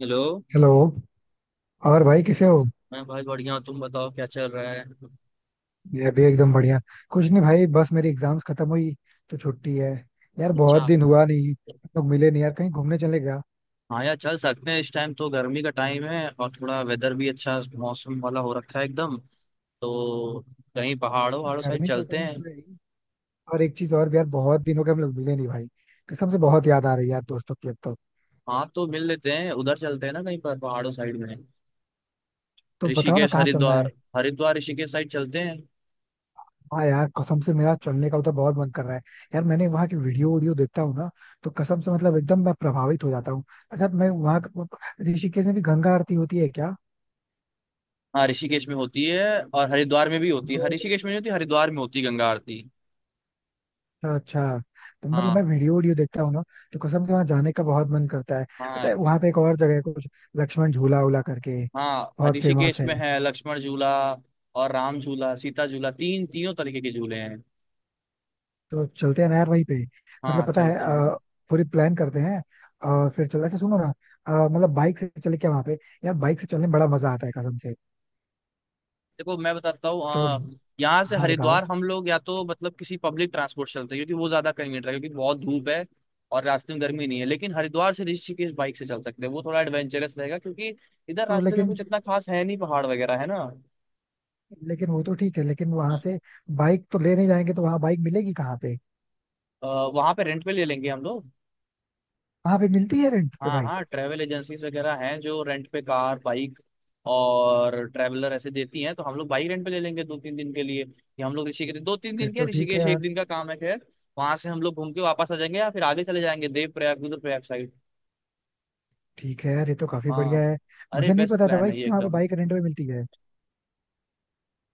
Hello. Hello. और भाई कैसे हो। मैं भाई बढ़िया हूँ, तुम बताओ क्या चल रहा है। मैं भी एकदम बढ़िया। कुछ नहीं भाई, बस मेरी एग्जाम्स खत्म हुई, तो छुट्टी है। यार बहुत अच्छा। दिन हुआ नहीं, हम लोग मिले नहीं, यार कहीं घूमने चले गया। हाँ यार चल सकते हैं इस टाइम तो गर्मी का टाइम है और थोड़ा वेदर भी अच्छा मौसम वाला हो रखा है एकदम। तो कहीं पहाड़ों वहाड़ों साइड गर्मी का चलते टाइम हैं। तो है ही। और एक चीज और भी यार, बहुत दिन हो गए हम लोग मिले नहीं भाई। कसम से बहुत याद आ रही है यार दोस्तों की अब तो। हाँ तो मिल लेते हैं उधर चलते हैं ना कहीं पर पहाड़ों साइड में। तो बताओ ना ऋषिकेश कहाँ चलना है। हरिद्वार। हरिद्वार ऋषिकेश साइड चलते हैं। हाँ यार, कसम से मेरा चलने का उधर बहुत मन कर रहा है। यार मैंने वहाँ की वीडियो वीडियो देखता हूँ ना, तो कसम से मतलब एकदम मैं प्रभावित हो जाता हूँ। अच्छा मैं वहाँ, ऋषिकेश में भी गंगा आरती होती है हाँ ऋषिकेश में होती है और हरिद्वार में भी होती है। हाँ, क्या। ऋषिकेश में नहीं होती हरिद्वार में होती है गंगा आरती। अच्छा अच्छा। तो मतलब मैं हाँ वीडियो वीडियो देखता हूँ ना, तो कसम से वहां जाने का बहुत मन करता है। हाँ। अच्छा वहां पे एक और जगह है कुछ, लक्ष्मण झूला उला करके। हाँ बहुत फेमस ऋषिकेश है। में है लक्ष्मण झूला। और राम झूला सीता झूला तीन तीनों तरीके के झूले हैं। तो चलते हैं ना यार वहीं पे। हाँ मतलब पता है चलते हैं। पूरी प्लान करते हैं। और फिर चल, अच्छा सुनो ना, मतलब बाइक से चले क्या वहां पे। यार बाइक से चलने में बड़ा मजा आता है कसम से। देखो मैं बताता हूँ, तो यहाँ से हाँ बताओ। हरिद्वार हम लोग या तो मतलब किसी पब्लिक ट्रांसपोर्ट चलते हैं क्योंकि वो ज्यादा कन्वीनियंट है क्योंकि बहुत धूप है और रास्ते में गर्मी नहीं है, लेकिन हरिद्वार से ऋषिकेश बाइक से चल सकते हैं, वो थोड़ा एडवेंचरस रहेगा क्योंकि इधर तो रास्ते में लेकिन, कुछ इतना खास है नहीं, पहाड़ वगैरह है ना। लेकिन वो तो ठीक है, लेकिन वहां से बाइक तो ले नहीं जाएंगे, तो वहां बाइक मिलेगी कहाँ पे। वहां पे रेंट पे ले लेंगे हम लोग। वहां पे मिलती है रेंट पे हाँ बाइक। हाँ, ट्रैवल एजेंसीज वगैरह हैं जो रेंट पे कार बाइक और ट्रैवलर ऐसे देती हैं, तो हम लोग बाइक रेंट पे ले लेंगे 2-3 दिन के लिए कि हम लोग ऋषिकेश दो तीन फिर दिन क्या तो ठीक है ऋषिकेश यार। एक दिन का काम है खैर। वहां से हम लोग घूम के वापस आ जाएंगे या फिर आगे चले जाएंगे देव प्रयाग रुद्रप्रयाग साइड। ठीक है यार, ये तो काफी बढ़िया हाँ। है। अरे मुझे नहीं बेस्ट पता था प्लान भाई है ये कि वहाँ पे एकदम। बाइक रेंट में मिलती है।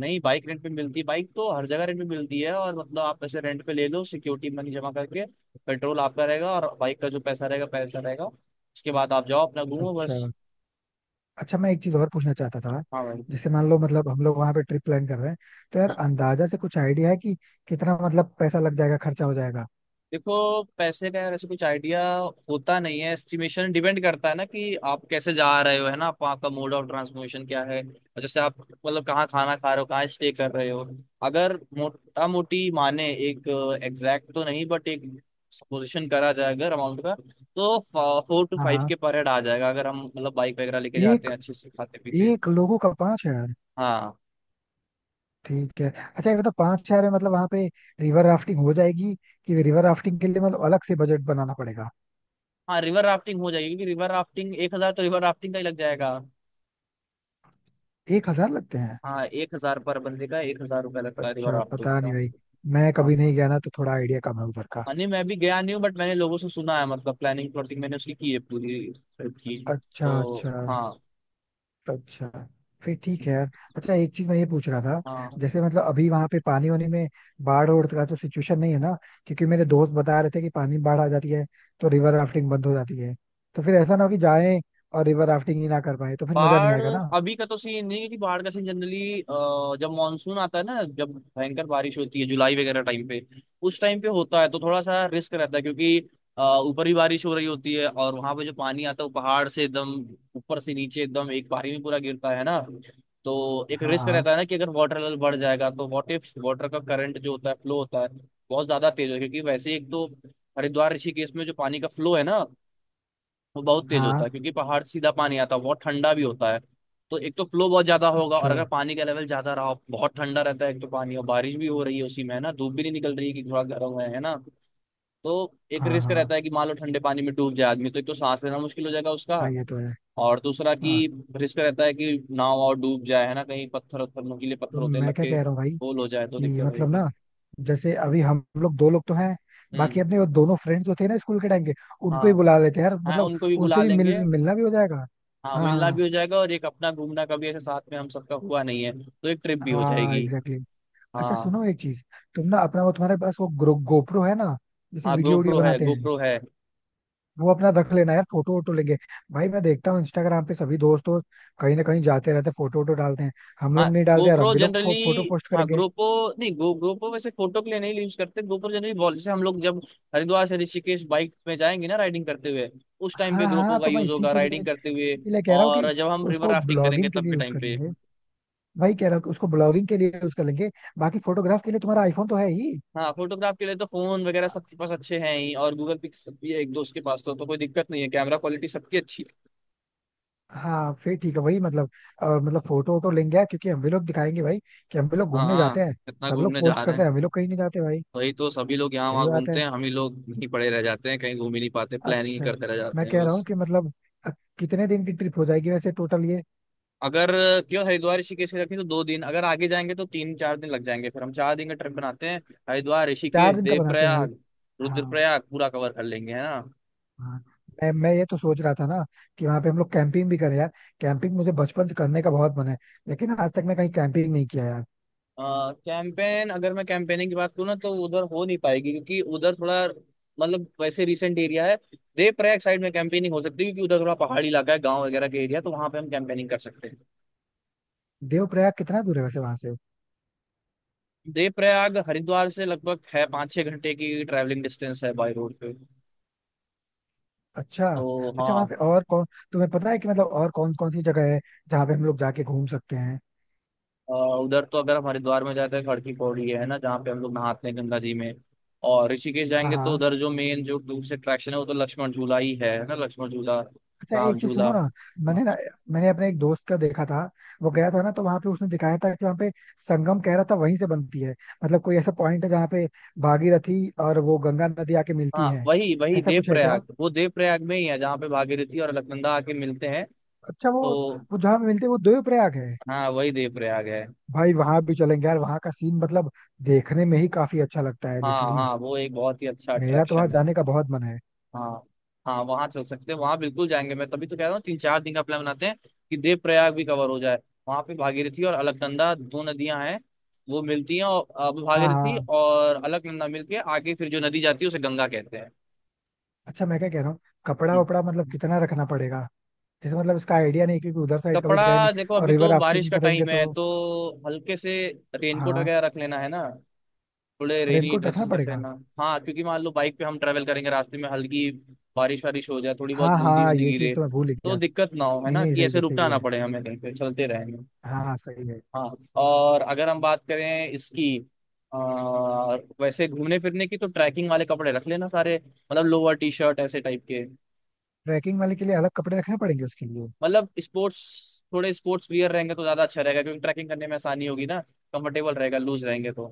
नहीं बाइक रेंट पे मिलती है, बाइक तो हर जगह रेंट पे मिलती है और मतलब आप ऐसे रेंट पे ले लो सिक्योरिटी मनी जमा करके, पेट्रोल आपका रहेगा और बाइक का जो पैसा रहेगा पैसा रहेगा, उसके बाद आप जाओ अपना घूमो बस। अच्छा अच्छा। मैं एक चीज और पूछना चाहता था। हाँ भाई। जैसे मान लो मतलब हम लोग वहाँ पे ट्रिप प्लान कर रहे हैं, तो यार अंदाजा से कुछ आइडिया है कि कितना मतलब पैसा लग जाएगा, खर्चा हो जाएगा। देखो पैसे का यार ऐसे कुछ आइडिया होता नहीं है, एस्टिमेशन डिपेंड करता है ना कि आप कैसे जा रहे हो, है ना, आप वहाँ का मोड ऑफ ट्रांसपोर्टेशन क्या है और जैसे आप मतलब कहाँ खाना खा रहे हो, कहाँ स्टे कर रहे हो। अगर मोटा मोटी माने, एक एग्जैक्ट तो नहीं बट एक सपोजिशन करा जाए अगर अमाउंट का, तो फोर टू हाँ फाइव हाँ। के पर हेड आ जाएगा अगर हम मतलब बाइक वगैरह लेके जाते एक, हैं अच्छे से खाते पीते। एक लोगों का 5,000। हाँ ठीक है। अच्छा ये मतलब 5,000 है, मतलब वहाँ पे रिवर राफ्टिंग हो जाएगी, कि रिवर राफ्टिंग के लिए मतलब अलग से बजट बनाना पड़ेगा। हाँ, रिवर राफ्टिंग हो जाएगी क्योंकि रिवर राफ्टिंग 1,000, तो रिवर राफ्टिंग का ही लग जाएगा। 1,000 लगते हैं। हाँ, एक हजार पर बंदे का, 1,000 रुपया लगता है रिवर अच्छा राफ्टिंग पता नहीं का। भाई, मैं हाँ कभी नहीं गया ना, तो थोड़ा आइडिया कम है उधर का। हाँ, नहीं मैं भी गया नहीं हूँ बट मैंने लोगों से सुना है, मतलब प्लानिंग प्लॉटिंग मैंने उसकी की है पूरी ट्रिप की। अच्छा तो अच्छा। हाँ। अच्छा फिर ठीक है यार। अच्छा एक चीज मैं ये पूछ रहा था। हाँ जैसे मतलब अभी वहां पे पानी वानी में बाढ़ और का तो सिचुएशन नहीं है ना। क्योंकि मेरे दोस्त बता रहे थे कि पानी में बाढ़ आ जाती है, तो रिवर राफ्टिंग बंद हो जाती है, तो फिर ऐसा ना हो कि जाएं और रिवर राफ्टिंग ही ना कर पाए, तो फिर मजा नहीं बाढ़ आएगा ना। अभी का तो सीन नहीं है कि बाढ़ का सीन, जनरली जब मानसून आता है ना, जब भयंकर बारिश होती है जुलाई वगैरह टाइम पे, उस टाइम पे होता है, तो थोड़ा सा रिस्क रहता है क्योंकि ऊपर ही बारिश हो रही होती है और वहां पे जो पानी आता है वो पहाड़ से एकदम ऊपर से नीचे एकदम एक बारी में पूरा गिरता है ना। तो एक हाँ रिस्क रहता हाँ है ना कि अगर वाटर लेवल बढ़ जाएगा तो व्हाट इफ वाटर का करंट जो होता है फ्लो होता है बहुत ज्यादा तेज है, क्योंकि वैसे ही एक तो हरिद्वार ऋषिकेश में जो पानी का फ्लो है ना वो बहुत तेज होता है, हाँ। क्योंकि पहाड़ से सीधा पानी आता है, बहुत ठंडा भी होता है। तो एक तो फ्लो बहुत ज्यादा होगा और अच्छा। अगर पानी का लेवल ज्यादा रहा, बहुत ठंडा रहता है एक तो पानी, और बारिश भी हो रही है उसी में है ना, धूप भी नहीं निकल रही है कि थोड़ा गर्म है ना। तो एक हाँ रिस्क हाँ रहता है कि मान लो ठंडे पानी में डूब जाए आदमी, तो एक तो सांस लेना मुश्किल हो जाएगा उसका। हाँ, ये तो है। और दूसरा हाँ, कि रिस्क रहता है कि नाव और डूब जाए, है ना, कहीं पत्थर वत्थर नुकीले तो पत्थर होते हैं, मैं लग क्या के कह रहा हूँ भाई, होल हो जाए तो दिक्कत कि मतलब रहेगी। ना, जैसे अभी हम लोग दो लोग तो हैं, बाकी हम्म। अपने वो दोनों फ्रेंड्स जो थे ना स्कूल के टाइम के, उनको ही हाँ। बुला लेते हैं यार, हाँ मतलब उनको भी बुला उनसे भी लेंगे। मिलना भी हो जाएगा। हाँ हाँ मिलना भी हाँ हो जाएगा, और एक अपना घूमना कभी ऐसे साथ में हम सबका हुआ नहीं है तो एक ट्रिप भी हो हाँ, जाएगी। Exactly exactly। अच्छा हाँ। सुनो एक चीज, तुम ना अपना वो, तुम्हारे पास वो गोप्रो है ना, जैसे हाँ वीडियो वीडियो गोप्रो है बनाते हैं, गोप्रो है। वो अपना रख लेना यार, फोटो वोटो लेंगे। भाई मैं देखता हूँ इंस्टाग्राम पे सभी दोस्त वोस्त कहीं ना कहीं जाते रहते, फोटो वोटो डालते हैं। हम हाँ लोग नहीं डालते यार, हम गोप्रो भी लोग जनरली। फोटो पोस्ट हाँ करेंगे। GoPro, नहीं गो GoPro वैसे फोटो के लिए नहीं यूज करते, GoPro जनरली वॉल जैसे हम लोग जब हरिद्वार से ऋषिकेश बाइक में जाएंगे ना राइडिंग करते हुए, उस टाइम पे हाँ GoPro हाँ, का तो मैं यूज होगा राइडिंग करते हुए। इसी के लिए कह रहा हूँ कि और जब हम रिवर उसको राफ्टिंग करेंगे ब्लॉगिंग के तब लिए के यूज टाइम कर पे। लेंगे। वही कह रहा हूँ कि उसको ब्लॉगिंग के लिए यूज कर लेंगे। बाकी फोटोग्राफ के लिए तुम्हारा आईफोन तो है ही। हाँ फोटोग्राफ के लिए तो फोन वगैरह सबके पास अच्छे हैं ही, और गूगल पिक्स भी है एक दोस्त के पास, तो कोई दिक्कत नहीं है, कैमरा क्वालिटी सबकी अच्छी है। हाँ फिर ठीक है, वही मतलब मतलब फोटो वोटो लेंगे यार, क्योंकि हम भी लोग दिखाएंगे भाई कि हम भी लोग हाँ घूमने हाँ। जाते हैं। इतना सब लोग घूमने जा पोस्ट रहे करते हैं, हम भी हैं। लोग कहीं नहीं जाते भाई। वही तो सभी लोग यहाँ सही वहाँ बात है। घूमते हैं, हम ही लोग यहीं पड़े रह जाते हैं, कहीं घूम ही नहीं पाते, प्लानिंग ही अच्छा करते रह जाते मैं हैं कह रहा हूँ बस। कि मतलब अ, कितने दिन की ट्रिप हो जाएगी वैसे टोटल ये। अगर क्यों हरिद्वार ऋषिकेश रखें तो 2 दिन, अगर आगे जाएंगे तो 3-4 दिन लग जाएंगे, फिर हम 4 दिन का ट्रिप बनाते हैं। हरिद्वार ऋषिकेश 4 दिन का बनाते हैं भाई। देवप्रयाग हाँ रुद्रप्रयाग पूरा कवर कर लेंगे, है ना। हाँ। मैं ये तो सोच रहा था ना, कि वहाँ पे हम लोग कैंपिंग भी करें यार। कैंपिंग मुझे बचपन से करने का बहुत मन है, लेकिन आज तक मैं कहीं कैंपिंग नहीं किया यार। कैंपेन अगर मैं कैंपेनिंग की बात करूँ ना तो उधर हो नहीं पाएगी, क्योंकि उधर थोड़ा मतलब वैसे रिसेंट एरिया है। देवप्रयाग साइड में कैंपेनिंग हो सकती है क्योंकि उधर थोड़ा पहाड़ी इलाका है, गांव वगैरह के एरिया, तो वहां पे हम कैंपेनिंग कर सकते हैं। देवप्रयाग कितना दूर है वैसे वहां से। देव प्रयाग हरिद्वार से लगभग है 5-6 घंटे की ट्रैवलिंग डिस्टेंस है बाई रोड पे। अच्छा तो अच्छा। वहाँ पे हाँ। और कौन, तुम्हें पता है कि मतलब और कौन कौन सी जगह है जहाँ पे हम लोग जाके घूम सकते हैं। उधर तो अगर हम हरिद्वार में जाते हैं, खड़की की पौड़ी है ना जहाँ पे हम लोग नहाते हैं गंगा जी में, और ऋषिकेश हाँ जाएंगे तो हाँ। उधर जो मेन जो दूर से अट्रैक्शन है वो तो लक्ष्मण झूला ही है ना, लक्ष्मण झूला अच्छा राम एक चीज झूला। सुनो ना, मैंने ना मैंने अपने एक दोस्त का देखा था। वो गया था ना, तो वहाँ पे उसने दिखाया था कि वहाँ पे संगम कह रहा था वहीं से बनती है, मतलब कोई ऐसा पॉइंट है जहाँ पे भागीरथी और वो गंगा नदी आके मिलती हाँ है। वही वही ऐसा कुछ है क्या। देवप्रयाग, वो देवप्रयाग में ही है जहाँ पे भागीरथी और अलकनंदा आके मिलते हैं। अच्छा वो तो वो जहाँ पे मिलते हैं, वो देवप्रयाग है। हाँ, वही देवप्रयाग है। भाई वहां भी चलेंगे यार, वहां का सीन मतलब देखने में ही काफी अच्छा लगता है हाँ लिटरली। हाँ, वो एक बहुत ही अच्छा मेरा तो वहां अट्रैक्शन है। जाने का बहुत मन है। हाँ। हाँ वहां चल सकते हैं, वहां बिल्कुल जाएंगे, मैं तभी तो कह रहा हूँ 3-4 दिन का प्लान बनाते हैं कि देव प्रयाग भी कवर हो जाए। वहां पे भागीरथी और अलकनंदा 2 नदियां हैं, वो मिलती हैं, और अब हाँ भागीरथी हाँ। और अलकनंदा मिलके आगे फिर जो नदी जाती है उसे गंगा कहते हैं। अच्छा मैं क्या कह रहा हूँ, कपड़ा हम्म। वपड़ा मतलब कितना रखना पड़ेगा। जैसे मतलब इसका आइडिया नहीं, क्योंकि उधर साइड कभी गए नहीं। कपड़ा देखो और अभी रिवर तो बारिश राफ्टिंग का करेंगे टाइम है, तो, तो हल्के से रेनकोट हाँ वगैरह रख लेना है ना, थोड़े रेनी रेनकोट रखना ड्रेसेस रख पड़ेगा। लेना। हाँ क्योंकि मान लो बाइक पे हम ट्रैवल करेंगे, रास्ते में हल्की बारिश वारिश हो जाए, थोड़ी बहुत हाँ बूंदी हाँ, बूंदी ये चीज गिरे, तो मैं भूल ही तो गया। दिक्कत ना हो, है नहीं ना, नहीं, कि सही ऐसे है रुकना सही ना है। पड़े हमें, कहीं पे चलते रहेंगे। हाँ हाँ सही है। हाँ। और अगर हम बात करें इसकी, आ, वैसे घूमने फिरने की, तो ट्रैकिंग वाले कपड़े रख लेना सारे, मतलब लोअर टी शर्ट ऐसे टाइप के, ट्रैकिंग वाले के लिए अलग कपड़े रखने पड़ेंगे उसके लिए। मतलब स्पोर्ट्स, थोड़े स्पोर्ट्स वियर रहेंगे तो ज्यादा अच्छा रहेगा, क्योंकि ट्रैकिंग करने में आसानी होगी ना, कंफर्टेबल रहेगा लूज रहेंगे तो।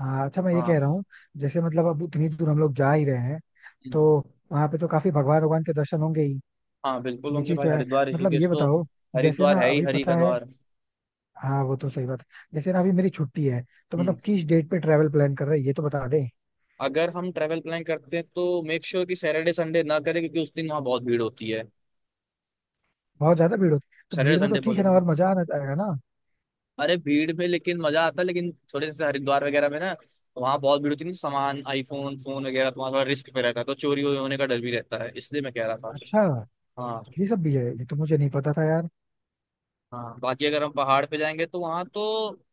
हाँ। अच्छा मैं ये कह हाँ रहा हूँ, जैसे मतलब अब इतनी दूर हम लोग जा ही रहे हैं, तो वहां पे तो काफी भगवान भगवान के दर्शन होंगे ही। हाँ बिल्कुल ये होंगे चीज भाई, तो है, हरिद्वार मतलब ये ऋषिकेश तो बताओ, जैसे हरिद्वार ना है ही अभी हरि पता का है। द्वार। हाँ वो तो सही बात है। जैसे ना अभी मेरी छुट्टी है, तो हम्म मतलब किस डेट पे ट्रेवल प्लान कर रहे हैं ये तो बता दें। अगर हम ट्रेवल प्लान करते हैं तो मेक श्योर कि सैटरडे संडे ना करें, क्योंकि उस दिन वहाँ बहुत भीड़ होती है। बहुत ज्यादा भीड़ होती है, तो सैटरडे भीड़ में तो संडे ठीक है बहुत, ना, और मजा आना आएगा ना। अरे भीड़ में लेकिन मजा आता है, लेकिन थोड़े जैसे हरिद्वार वगैरह में ना वहाँ बहुत भीड़ होती है ना, सामान आईफोन फोन वगैरह तो वहाँ थोड़ा रिस्क पे रहता है, तो चोरी होने का डर भी रहता है, इसलिए मैं कह रहा था। अच्छा, हाँ। ये सब भी है, ये तो मुझे नहीं पता था यार। हाँ बाकी अगर हम पहाड़ पे जाएंगे तो वहाँ तो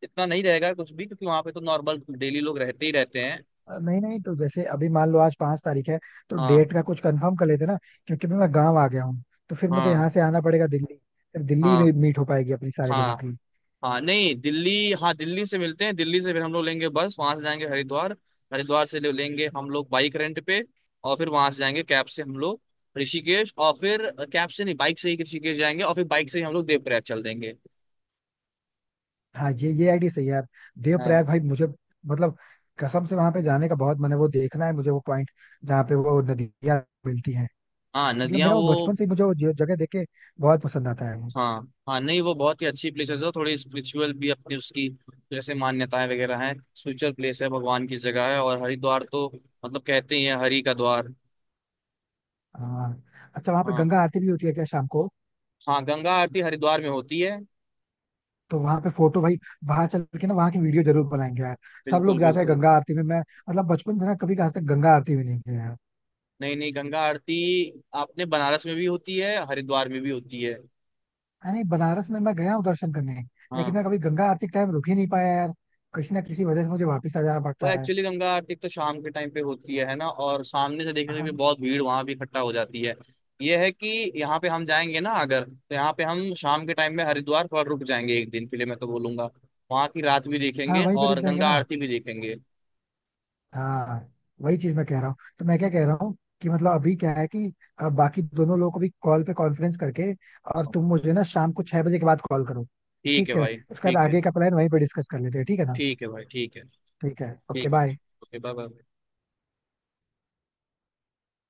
इतना नहीं रहेगा कुछ भी, क्योंकि वहाँ पे तो नॉर्मल डेली लोग रहते ही रहते हैं। नहीं नहीं, तो जैसे अभी मान लो आज 5 तारीख है, तो हाँ। डेट का कुछ कंफर्म कर लेते ना। क्योंकि मैं गाँव आ गया हूँ, तो फिर मुझे हाँ। यहाँ से आना पड़ेगा दिल्ली। फिर दिल्ली हाँ। में मीट हो पाएगी अपनी सारे लोगों हाँ की। हाँ नहीं दिल्ली। हाँ दिल्ली से मिलते हैं, दिल्ली से फिर हम लोग लेंगे बस, वहां से जाएंगे हरिद्वार। हरिद्वार से लेंगे हम लोग बाइक रेंट पे। और फिर वहां से जाएंगे कैब से हम लोग ऋषिकेश, और फिर कैब से नहीं बाइक से ही ऋषिकेश जाएंगे, और फिर बाइक से ही हम लोग देवप्रयाग चल देंगे। हाँ, ये आइडिया सही है यार। हाँ। देवप्रयाग भाई मुझे, मतलब कसम से वहां पे जाने का बहुत मन है, वो देखना है मुझे वो पॉइंट जहाँ पे वो नदियाँ मिलती हैं। हाँ मतलब नदियाँ मेरा वो वो। बचपन से ही, मुझे वो जगह देख के बहुत पसंद आता है वो। हाँ हाँ, नहीं वो बहुत ही अच्छी प्लेसेस है, थोड़ी स्पिरिचुअल भी अपनी उसकी जैसे मान्यताएं वगैरह हैं, स्पिरिचुअल प्लेस है, भगवान की जगह है, और हरिद्वार तो मतलब कहते ही है हरि का द्वार। हाँ। अच्छा वहाँ पे हाँ गंगा आरती भी होती है क्या शाम को। हाँ, गंगा आरती हरिद्वार में होती है। तो वहाँ पे फोटो भाई, वहां चल के ना वहाँ की वीडियो जरूर बनाएंगे यार। सब बिल्कुल लोग जाते हैं बिल्कुल। गंगा आरती में, मैं मतलब बचपन से ना कभी आज तक गंगा आरती भी नहीं गया यार। नहीं नहीं, गंगा आरती आपने बनारस में भी होती है, हरिद्वार में भी होती है। हाँ, नहीं, बनारस में मैं गया हूँ दर्शन करने, लेकिन हाँ मैं कभी गंगा आरती के टाइम रुक ही नहीं पाया यार। किसी ना किसी वजह से मुझे वापस आ जाना वो पड़ता है। एक्चुअली गंगा आरती तो शाम के टाइम पे होती है ना, और सामने से देखने में भी हाँ बहुत भीड़ वहां भी इकट्ठा हो जाती है। ये है कि यहाँ पे हम जाएंगे ना अगर, तो यहाँ पे हम शाम के टाइम में हरिद्वार पर रुक जाएंगे एक दिन के लिए, मैं तो बोलूंगा वहां की रात भी हाँ, देखेंगे वहीं पे रुक और जाएंगे गंगा ना। आरती भी देखेंगे। हाँ, वही चीज मैं कह रहा हूँ। तो मैं क्या कह रहा हूँ कि मतलब अभी क्या है कि, बाकी दोनों लोगों को भी कॉल पे कॉन्फ्रेंस करके, और तुम मुझे ना शाम को 6 बजे के बाद कॉल करो। ठीक है ठीक है भाई उसके बाद ठीक है। आगे का प्लान वहीं पे डिस्कस कर लेते हैं, ठीक है ना। ठीक है भाई ठीक है। ठीक है, ओके ठीक है, बाय। Okay bye bye.